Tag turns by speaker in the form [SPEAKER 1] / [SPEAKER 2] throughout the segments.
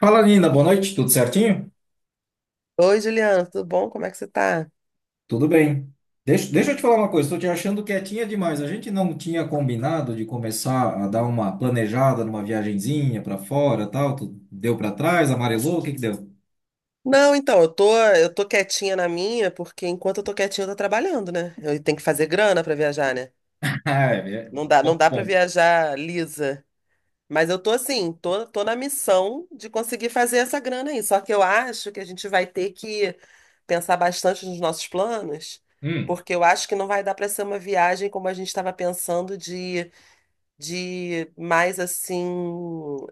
[SPEAKER 1] Fala, Nina, boa noite, tudo certinho?
[SPEAKER 2] Oi, Juliana, tudo bom? Como é que você tá?
[SPEAKER 1] Tudo bem. Deixa eu te falar uma coisa, estou te achando quietinha demais. A gente não tinha combinado de começar a dar uma planejada numa viagenzinha para fora, tal. Tu deu para trás, amarelou, o que que deu?
[SPEAKER 2] Não, então, eu tô quietinha na minha, porque enquanto eu tô quietinha, eu tô trabalhando, né? Eu tenho que fazer grana pra viajar, né?
[SPEAKER 1] Ah, É, é,
[SPEAKER 2] Não dá,
[SPEAKER 1] bom
[SPEAKER 2] não dá para
[SPEAKER 1] ponto.
[SPEAKER 2] viajar lisa. Mas eu tô assim, tô na missão de conseguir fazer essa grana aí. Só que eu acho que a gente vai ter que pensar bastante nos nossos planos,
[SPEAKER 1] Hum,
[SPEAKER 2] porque eu acho que não vai dar para ser uma viagem como a gente estava pensando de mais assim,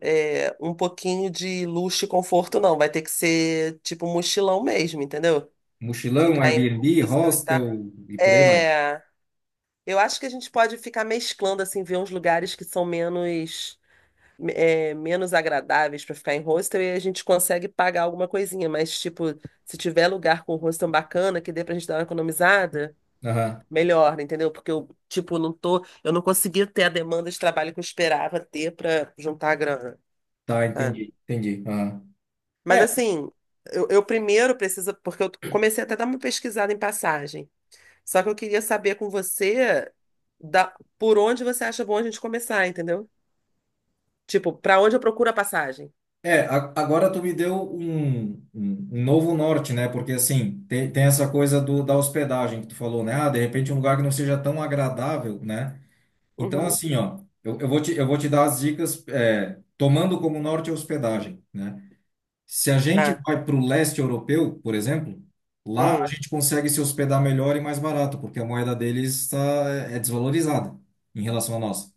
[SPEAKER 2] é, um pouquinho de luxo e conforto, não. Vai ter que ser tipo mochilão mesmo, entendeu?
[SPEAKER 1] mochilão,
[SPEAKER 2] Ficar em
[SPEAKER 1] Airbnb,
[SPEAKER 2] hostel e tal.
[SPEAKER 1] hostel e por aí vai.
[SPEAKER 2] É, eu acho que a gente pode ficar mesclando, assim, ver uns lugares que são menos. É, menos agradáveis para ficar em hostel e a gente consegue pagar alguma coisinha, mas tipo, se tiver lugar com hostel bacana que dê pra gente dar uma economizada,
[SPEAKER 1] Aham.
[SPEAKER 2] melhor, entendeu? Porque eu, tipo, não tô, eu não consegui ter a demanda de trabalho que eu esperava ter para juntar a grana,
[SPEAKER 1] Tá,
[SPEAKER 2] sabe?
[SPEAKER 1] entendi, entendi. Aham.
[SPEAKER 2] Mas assim, eu primeiro preciso, porque eu comecei até a dar uma pesquisada em passagem. Só que eu queria saber com você da, por onde você acha bom a gente começar, entendeu? Tipo, para onde eu procuro a passagem?
[SPEAKER 1] É, agora tu me deu um novo norte, né? Porque assim, tem essa coisa do, da hospedagem que tu falou, né? Ah, de repente um lugar que não seja tão agradável, né? Então,
[SPEAKER 2] Uhum.
[SPEAKER 1] assim, ó, eu vou te dar as dicas, é, tomando como norte a hospedagem, né? Se a gente
[SPEAKER 2] Tá.
[SPEAKER 1] vai para o leste europeu, por exemplo, lá a
[SPEAKER 2] Hum.
[SPEAKER 1] gente consegue se hospedar melhor e mais barato, porque a moeda deles tá, é desvalorizada em relação à nossa.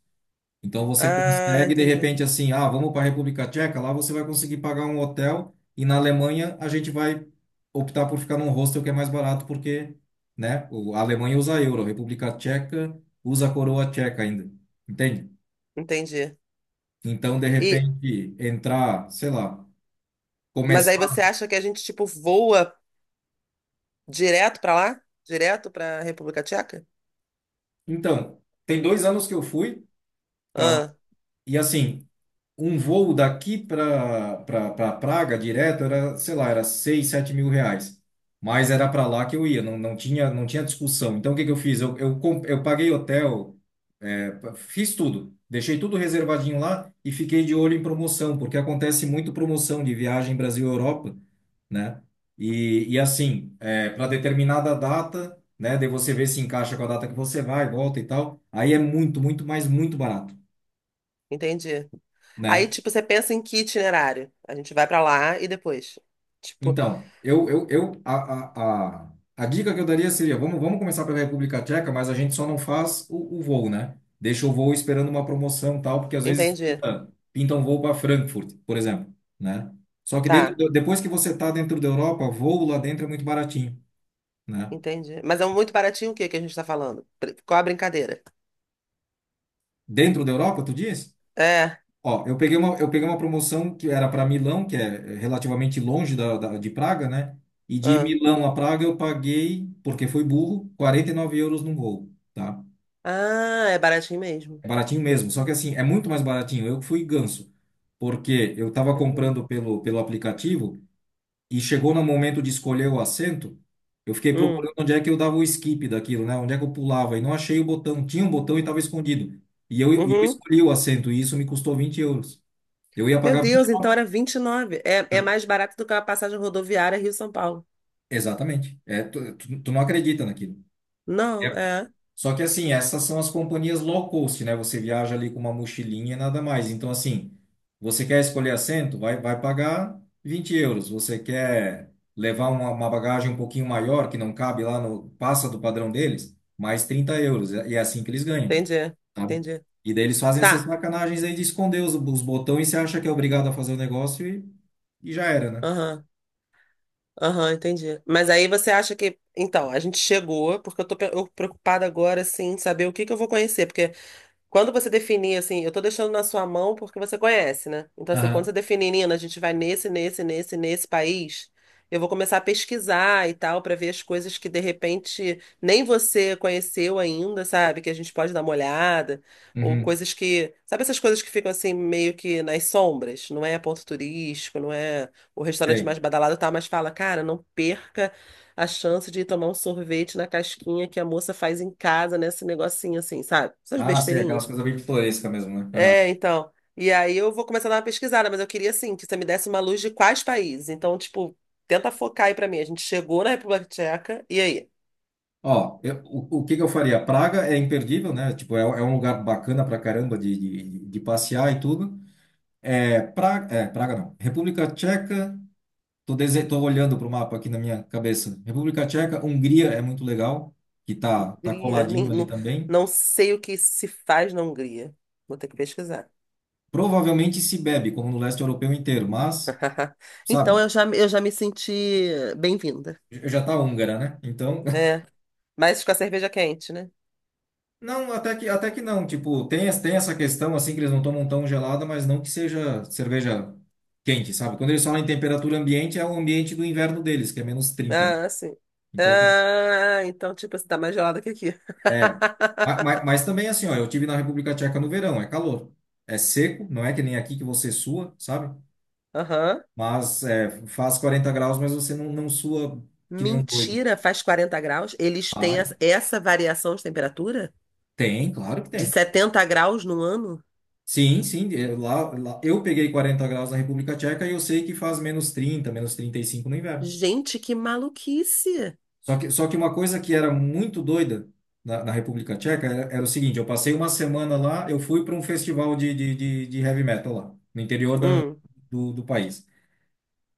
[SPEAKER 1] Então você
[SPEAKER 2] Ah,
[SPEAKER 1] consegue, de
[SPEAKER 2] entendi.
[SPEAKER 1] repente, assim, ah, vamos para a República Tcheca, lá você vai conseguir pagar um hotel e na Alemanha a gente vai optar por ficar num hostel que é mais barato porque, né, a Alemanha usa euro, a República Tcheca usa a coroa tcheca ainda, entende?
[SPEAKER 2] Entendi.
[SPEAKER 1] Então, de
[SPEAKER 2] E,
[SPEAKER 1] repente, entrar, sei lá,
[SPEAKER 2] mas aí você
[SPEAKER 1] começar.
[SPEAKER 2] acha que a gente, tipo, voa direto para lá? Direto para República Tcheca?
[SPEAKER 1] Então, tem 2 anos que eu fui para lá
[SPEAKER 2] Ah.
[SPEAKER 1] e assim, um voo daqui para pra, pra pra Praga direto era, sei lá, era 6 7 mil reais. Mas era para lá que eu ia, não, não tinha discussão. Então o que que eu fiz? Eu paguei hotel, é, fiz tudo. Deixei tudo reservadinho lá e fiquei de olho em promoção, porque acontece muito promoção de viagem Brasil-Europa, né? E assim, para determinada data, né? Daí você vê se encaixa com a data que você vai, volta e tal. Aí é muito, muito, mas muito barato,
[SPEAKER 2] Entendi. Aí,
[SPEAKER 1] né?
[SPEAKER 2] tipo, você pensa em que itinerário? A gente vai pra lá e depois. Tipo,
[SPEAKER 1] Então, eu a dica que eu daria seria, vamos começar pela República Tcheca, mas a gente só não faz o voo, né? Deixa o voo esperando uma promoção e tal, porque às vezes
[SPEAKER 2] entendi.
[SPEAKER 1] pinta um voo para Frankfurt, por exemplo, né? Só que dentro,
[SPEAKER 2] Tá,
[SPEAKER 1] depois que você está dentro da Europa, voo lá dentro é muito baratinho, né?
[SPEAKER 2] entendi. Mas é um muito baratinho o que que a gente tá falando? Qual a brincadeira?
[SPEAKER 1] Dentro da Europa, tu diz?
[SPEAKER 2] É.
[SPEAKER 1] Ó, eu peguei uma promoção que era para Milão, que é relativamente longe de Praga, né? E de
[SPEAKER 2] Ah,
[SPEAKER 1] Milão a Praga eu paguei, porque fui burro, 49 euros num voo, tá?
[SPEAKER 2] ah, é baratinho mesmo.
[SPEAKER 1] É baratinho mesmo, só que assim, é muito mais baratinho. Eu que fui ganso, porque eu tava
[SPEAKER 2] Entendi.
[SPEAKER 1] comprando pelo aplicativo e chegou no momento de escolher o assento, eu fiquei
[SPEAKER 2] Hum.
[SPEAKER 1] procurando onde é que eu dava o skip daquilo, né? Onde é que eu pulava e não achei o botão. Tinha um botão e estava escondido. E eu
[SPEAKER 2] Uhum.
[SPEAKER 1] escolhi o assento e isso me custou 20 euros. Eu ia
[SPEAKER 2] Meu
[SPEAKER 1] pagar 20.
[SPEAKER 2] Deus, então era 29. É, é mais barato do que uma passagem rodoviária Rio-São Paulo.
[SPEAKER 1] Exatamente. É, tu não acredita naquilo. É.
[SPEAKER 2] Não, é.
[SPEAKER 1] Só que assim, essas são as companhias low cost, né? Você viaja ali com uma mochilinha e nada mais. Então, assim, você quer escolher assento? Vai pagar 20 euros. Você quer levar uma bagagem um pouquinho maior, que não cabe lá no, passa do padrão deles, mais 30 euros. E é assim que eles ganham,
[SPEAKER 2] Entendi.
[SPEAKER 1] sabe?
[SPEAKER 2] Entendi.
[SPEAKER 1] E daí eles fazem essas
[SPEAKER 2] Tá.
[SPEAKER 1] sacanagens aí de esconder os botões e você acha que é obrigado a fazer o negócio e já era, né?
[SPEAKER 2] Aham. Aham, entendi. Mas aí você acha que. Então, a gente chegou, porque eu preocupada agora, assim, em saber o que que eu vou conhecer. Quando você definir, assim, eu tô deixando na sua mão porque você conhece, né? Então, assim, quando
[SPEAKER 1] Aham.
[SPEAKER 2] você definir, Nina, a gente vai nesse país, eu vou começar a pesquisar e tal, pra ver as coisas que de repente nem você conheceu ainda, sabe? Que a gente pode dar uma olhada, ou
[SPEAKER 1] Uhum.
[SPEAKER 2] coisas que. Sabe essas coisas que ficam assim, meio que nas sombras? Não é ponto turístico, não é o restaurante
[SPEAKER 1] Sei.
[SPEAKER 2] mais badalado, tá? Mas fala, cara, não perca a chance de ir tomar um sorvete na casquinha que a moça faz em casa, nesse negocinho assim, sabe? Essas
[SPEAKER 1] Ah, sim, aquelas
[SPEAKER 2] besteirinhas.
[SPEAKER 1] coisas bem pitorescas mesmo, né? Aham.
[SPEAKER 2] É, então. E aí eu vou começar a dar uma pesquisada, mas eu queria, assim, que você me desse uma luz de quais países. Então, tipo, tenta focar aí pra mim. A gente chegou na República Tcheca, e aí?
[SPEAKER 1] Ó, o que que eu faria? Praga é imperdível, né? Tipo, é um lugar bacana pra caramba de passear e tudo. É, Praga não. República Tcheca, tô olhando pro mapa aqui na minha cabeça. República Tcheca, Hungria é muito legal, que tá
[SPEAKER 2] Hungria? Nem,
[SPEAKER 1] coladinho ali
[SPEAKER 2] não,
[SPEAKER 1] também.
[SPEAKER 2] não sei o que se faz na Hungria. Vou ter que pesquisar.
[SPEAKER 1] Provavelmente se bebe, como no leste europeu inteiro, mas,
[SPEAKER 2] Então,
[SPEAKER 1] sabe,
[SPEAKER 2] eu já me senti bem-vinda.
[SPEAKER 1] eu já tá húngara, né? Então,
[SPEAKER 2] É, mas com a cerveja quente, né?
[SPEAKER 1] não, até que não. Tipo, tem essa questão, assim, que eles não tomam tão gelada, mas não que seja cerveja quente, sabe? Quando eles falam em temperatura ambiente, é o ambiente do inverno deles, que é -30, né?
[SPEAKER 2] Ah, sim.
[SPEAKER 1] Então,
[SPEAKER 2] Ah, então, tipo, você tá mais gelada que aqui.
[SPEAKER 1] é. Mas, também, assim, ó, eu tive na República Tcheca no verão, é calor. É seco, não é que nem aqui que você sua, sabe?
[SPEAKER 2] Aham.
[SPEAKER 1] Mas é, faz 40 graus, mas você não sua que nem um doido.
[SPEAKER 2] Mentira, faz 40 graus? Eles têm
[SPEAKER 1] Ai,
[SPEAKER 2] essa variação de temperatura?
[SPEAKER 1] tem, claro que
[SPEAKER 2] De
[SPEAKER 1] tem.
[SPEAKER 2] 70 graus no ano?
[SPEAKER 1] Sim, sim, eu peguei 40 graus na República Tcheca e eu sei que faz -30, -35 no inverno.
[SPEAKER 2] Gente, que maluquice!
[SPEAKER 1] Só que uma coisa que era muito doida na República Tcheca era o seguinte: eu passei uma semana lá, eu fui para um festival de heavy metal lá, no interior da,
[SPEAKER 2] Hum.
[SPEAKER 1] do país.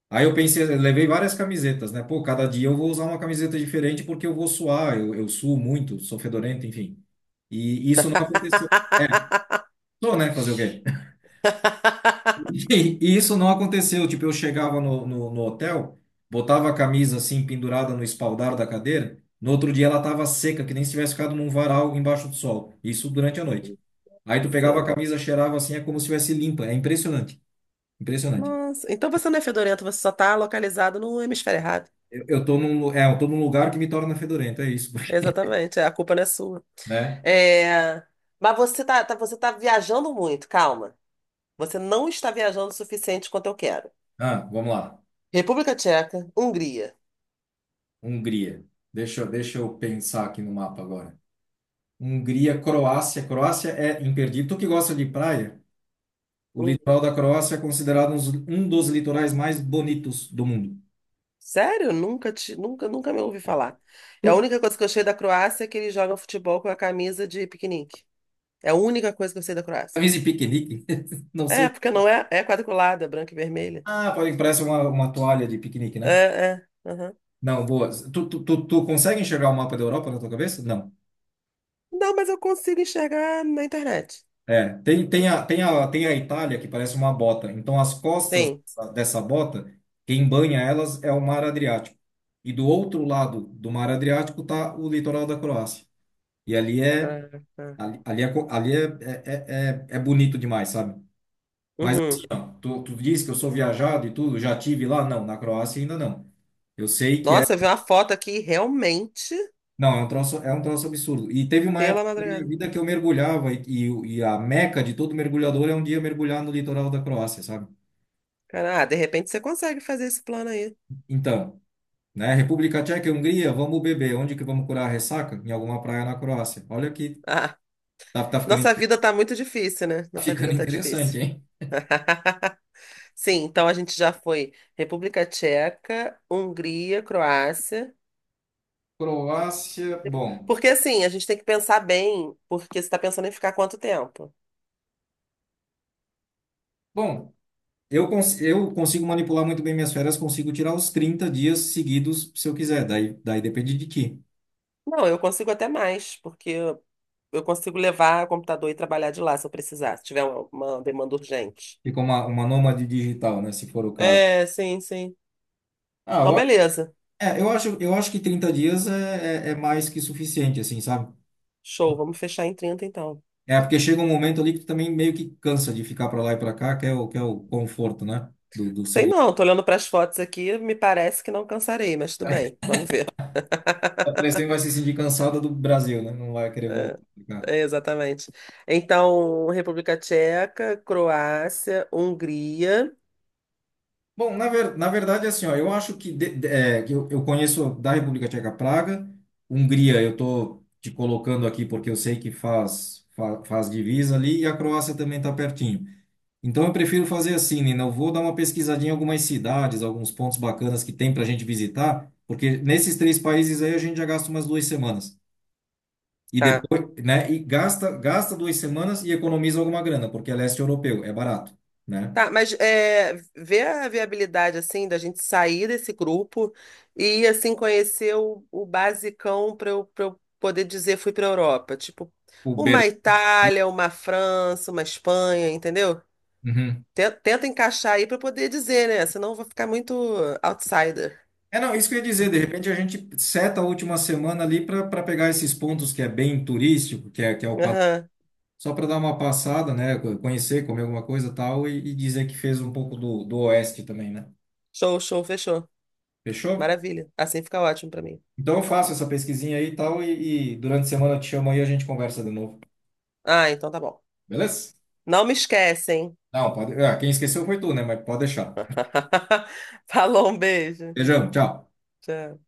[SPEAKER 1] Aí eu pensei, eu levei várias camisetas, né? Pô, cada dia eu vou usar uma camiseta diferente porque eu vou suar, eu suo muito, sou fedorento, enfim. E isso não aconteceu. Sou, né? Fazer o quê? E isso não aconteceu. Tipo, eu chegava no hotel, botava a camisa assim pendurada no espaldar da cadeira. No outro dia ela estava seca, que nem se tivesse ficado num varal embaixo do sol. Isso durante a noite. Aí tu pegava a
[SPEAKER 2] Nossa.
[SPEAKER 1] camisa, cheirava assim, é como se tivesse limpa. É impressionante. Impressionante.
[SPEAKER 2] Nossa. Então você não é fedorento, você só está localizado no hemisfério errado.
[SPEAKER 1] Eu tô num lugar que me torna fedorento, é isso,
[SPEAKER 2] Exatamente, é, a culpa não é sua.
[SPEAKER 1] né?
[SPEAKER 2] É, mas você tá viajando muito, calma. Você não está viajando o suficiente quanto eu quero.
[SPEAKER 1] Ah, vamos lá.
[SPEAKER 2] República Tcheca, Hungria.
[SPEAKER 1] Hungria. Deixa eu pensar aqui no mapa agora. Hungria, Croácia. Croácia é imperdível. Tu que gosta de praia? O litoral da Croácia é considerado um dos litorais mais bonitos do mundo.
[SPEAKER 2] Sério? Nunca, te, nunca, nunca me ouvi falar. E a
[SPEAKER 1] Tu
[SPEAKER 2] única coisa que eu sei da Croácia é que eles jogam futebol com a camisa de piquenique. É a única coisa que eu sei da Croácia.
[SPEAKER 1] camisa e piquenique? Não
[SPEAKER 2] É,
[SPEAKER 1] sei.
[SPEAKER 2] porque não é, é quadriculada, branca e vermelha.
[SPEAKER 1] Ah, parece uma toalha de piquenique,
[SPEAKER 2] É,
[SPEAKER 1] né?
[SPEAKER 2] é. Aham.
[SPEAKER 1] Não, boa. Tu consegue enxergar o mapa da Europa na tua cabeça? Não.
[SPEAKER 2] Não, mas eu consigo enxergar na internet.
[SPEAKER 1] É, tem a Itália que parece uma bota. Então, as costas
[SPEAKER 2] Sim.
[SPEAKER 1] dessa bota, quem banha elas é o Mar Adriático. E do outro lado do Mar Adriático está o litoral da Croácia. E ali é,
[SPEAKER 2] Ah, tá.
[SPEAKER 1] ali, ali é, co- ali é bonito demais, sabe? Mas
[SPEAKER 2] Uhum.
[SPEAKER 1] assim, ó, tu disse que eu sou viajado e tudo, já tive lá? Não, na Croácia ainda não. Eu sei que é.
[SPEAKER 2] Nossa, eu vi uma foto aqui realmente
[SPEAKER 1] Não, é um troço absurdo. E teve uma época
[SPEAKER 2] pela
[SPEAKER 1] da minha
[SPEAKER 2] madrugada.
[SPEAKER 1] vida que eu mergulhava e a meca de todo mergulhador é um dia mergulhar no litoral da Croácia, sabe?
[SPEAKER 2] Cara, ah, de repente você consegue fazer esse plano aí.
[SPEAKER 1] Então, né, República Tcheca e Hungria, vamos beber. Onde que vamos curar a ressaca? Em alguma praia na Croácia. Olha aqui,
[SPEAKER 2] Ah,
[SPEAKER 1] tá, tá ficando, in-
[SPEAKER 2] nossa vida tá muito difícil, né?
[SPEAKER 1] tá
[SPEAKER 2] Nossa
[SPEAKER 1] ficando
[SPEAKER 2] vida tá
[SPEAKER 1] interessante,
[SPEAKER 2] difícil.
[SPEAKER 1] hein?
[SPEAKER 2] Sim, então a gente já foi República Tcheca, Hungria, Croácia.
[SPEAKER 1] Croácia, bom.
[SPEAKER 2] Porque assim, a gente tem que pensar bem, porque você está pensando em ficar quanto tempo?
[SPEAKER 1] Bom, eu consigo manipular muito bem minhas férias, consigo tirar os 30 dias seguidos se eu quiser. Daí depende de ti.
[SPEAKER 2] Não, eu consigo até mais, porque eu consigo levar o computador e trabalhar de lá se eu precisar, se tiver uma demanda urgente.
[SPEAKER 1] Fica uma nômade digital, né? Se for o caso.
[SPEAKER 2] É, sim, sim.
[SPEAKER 1] Ah,
[SPEAKER 2] Então,
[SPEAKER 1] eu, a-
[SPEAKER 2] beleza.
[SPEAKER 1] é, eu acho que 30 dias é mais que suficiente, assim, sabe?
[SPEAKER 2] Show, vamos fechar em 30 então.
[SPEAKER 1] É porque chega um momento ali que tu também meio que cansa de ficar para lá e para cá, que é o conforto, né? Do
[SPEAKER 2] Sei
[SPEAKER 1] celular.
[SPEAKER 2] não, tô olhando para as fotos aqui, me parece que não cansarei, mas tudo bem, vamos ver.
[SPEAKER 1] A pessoa vai se sentir cansada do Brasil, né? Não vai querer voltar pra cá.
[SPEAKER 2] É, exatamente. Então, República Tcheca, Croácia, Hungria,
[SPEAKER 1] Bom, na verdade, assim, ó, eu acho que, que eu conheço da República Tcheca Praga, Hungria, eu estou te colocando aqui porque eu sei que faz, divisa ali, e a Croácia também está pertinho. Então, eu prefiro fazer assim, Nina, eu vou dar uma pesquisadinha em algumas cidades, alguns pontos bacanas que tem para a gente visitar, porque nesses três países aí a gente já gasta umas 2 semanas. E
[SPEAKER 2] tá.
[SPEAKER 1] depois, né, e gasta 2 semanas e economiza alguma grana, porque é leste europeu, é barato, né?
[SPEAKER 2] Tá, mas é, vê a viabilidade, assim, da gente sair desse grupo e, assim, conhecer o basicão para eu, pra eu poder dizer fui para Europa. Tipo,
[SPEAKER 1] O Berlim.
[SPEAKER 2] uma Itália, uma França, uma Espanha, entendeu? Tenta encaixar aí para poder dizer, né? Senão eu vou ficar muito outsider.
[SPEAKER 1] É, não, isso que eu ia dizer, de repente a gente seta a última semana ali para pegar esses pontos que é bem turístico, que é o padrão,
[SPEAKER 2] Aham.
[SPEAKER 1] só para dar uma passada, né? Conhecer, comer alguma coisa e tal, e dizer que fez um pouco do oeste também, né?
[SPEAKER 2] Show, show, fechou.
[SPEAKER 1] Fechou?
[SPEAKER 2] Maravilha. Assim fica ótimo para mim.
[SPEAKER 1] Então eu faço essa pesquisinha aí e tal, e durante a semana eu te chamo aí e a gente conversa de novo.
[SPEAKER 2] Ah, então tá bom.
[SPEAKER 1] Beleza?
[SPEAKER 2] Não me esquecem.
[SPEAKER 1] Não, pode. Ah, quem esqueceu foi tu, né? Mas pode deixar.
[SPEAKER 2] Falou, um beijo.
[SPEAKER 1] Beijão, tchau.
[SPEAKER 2] Tchau.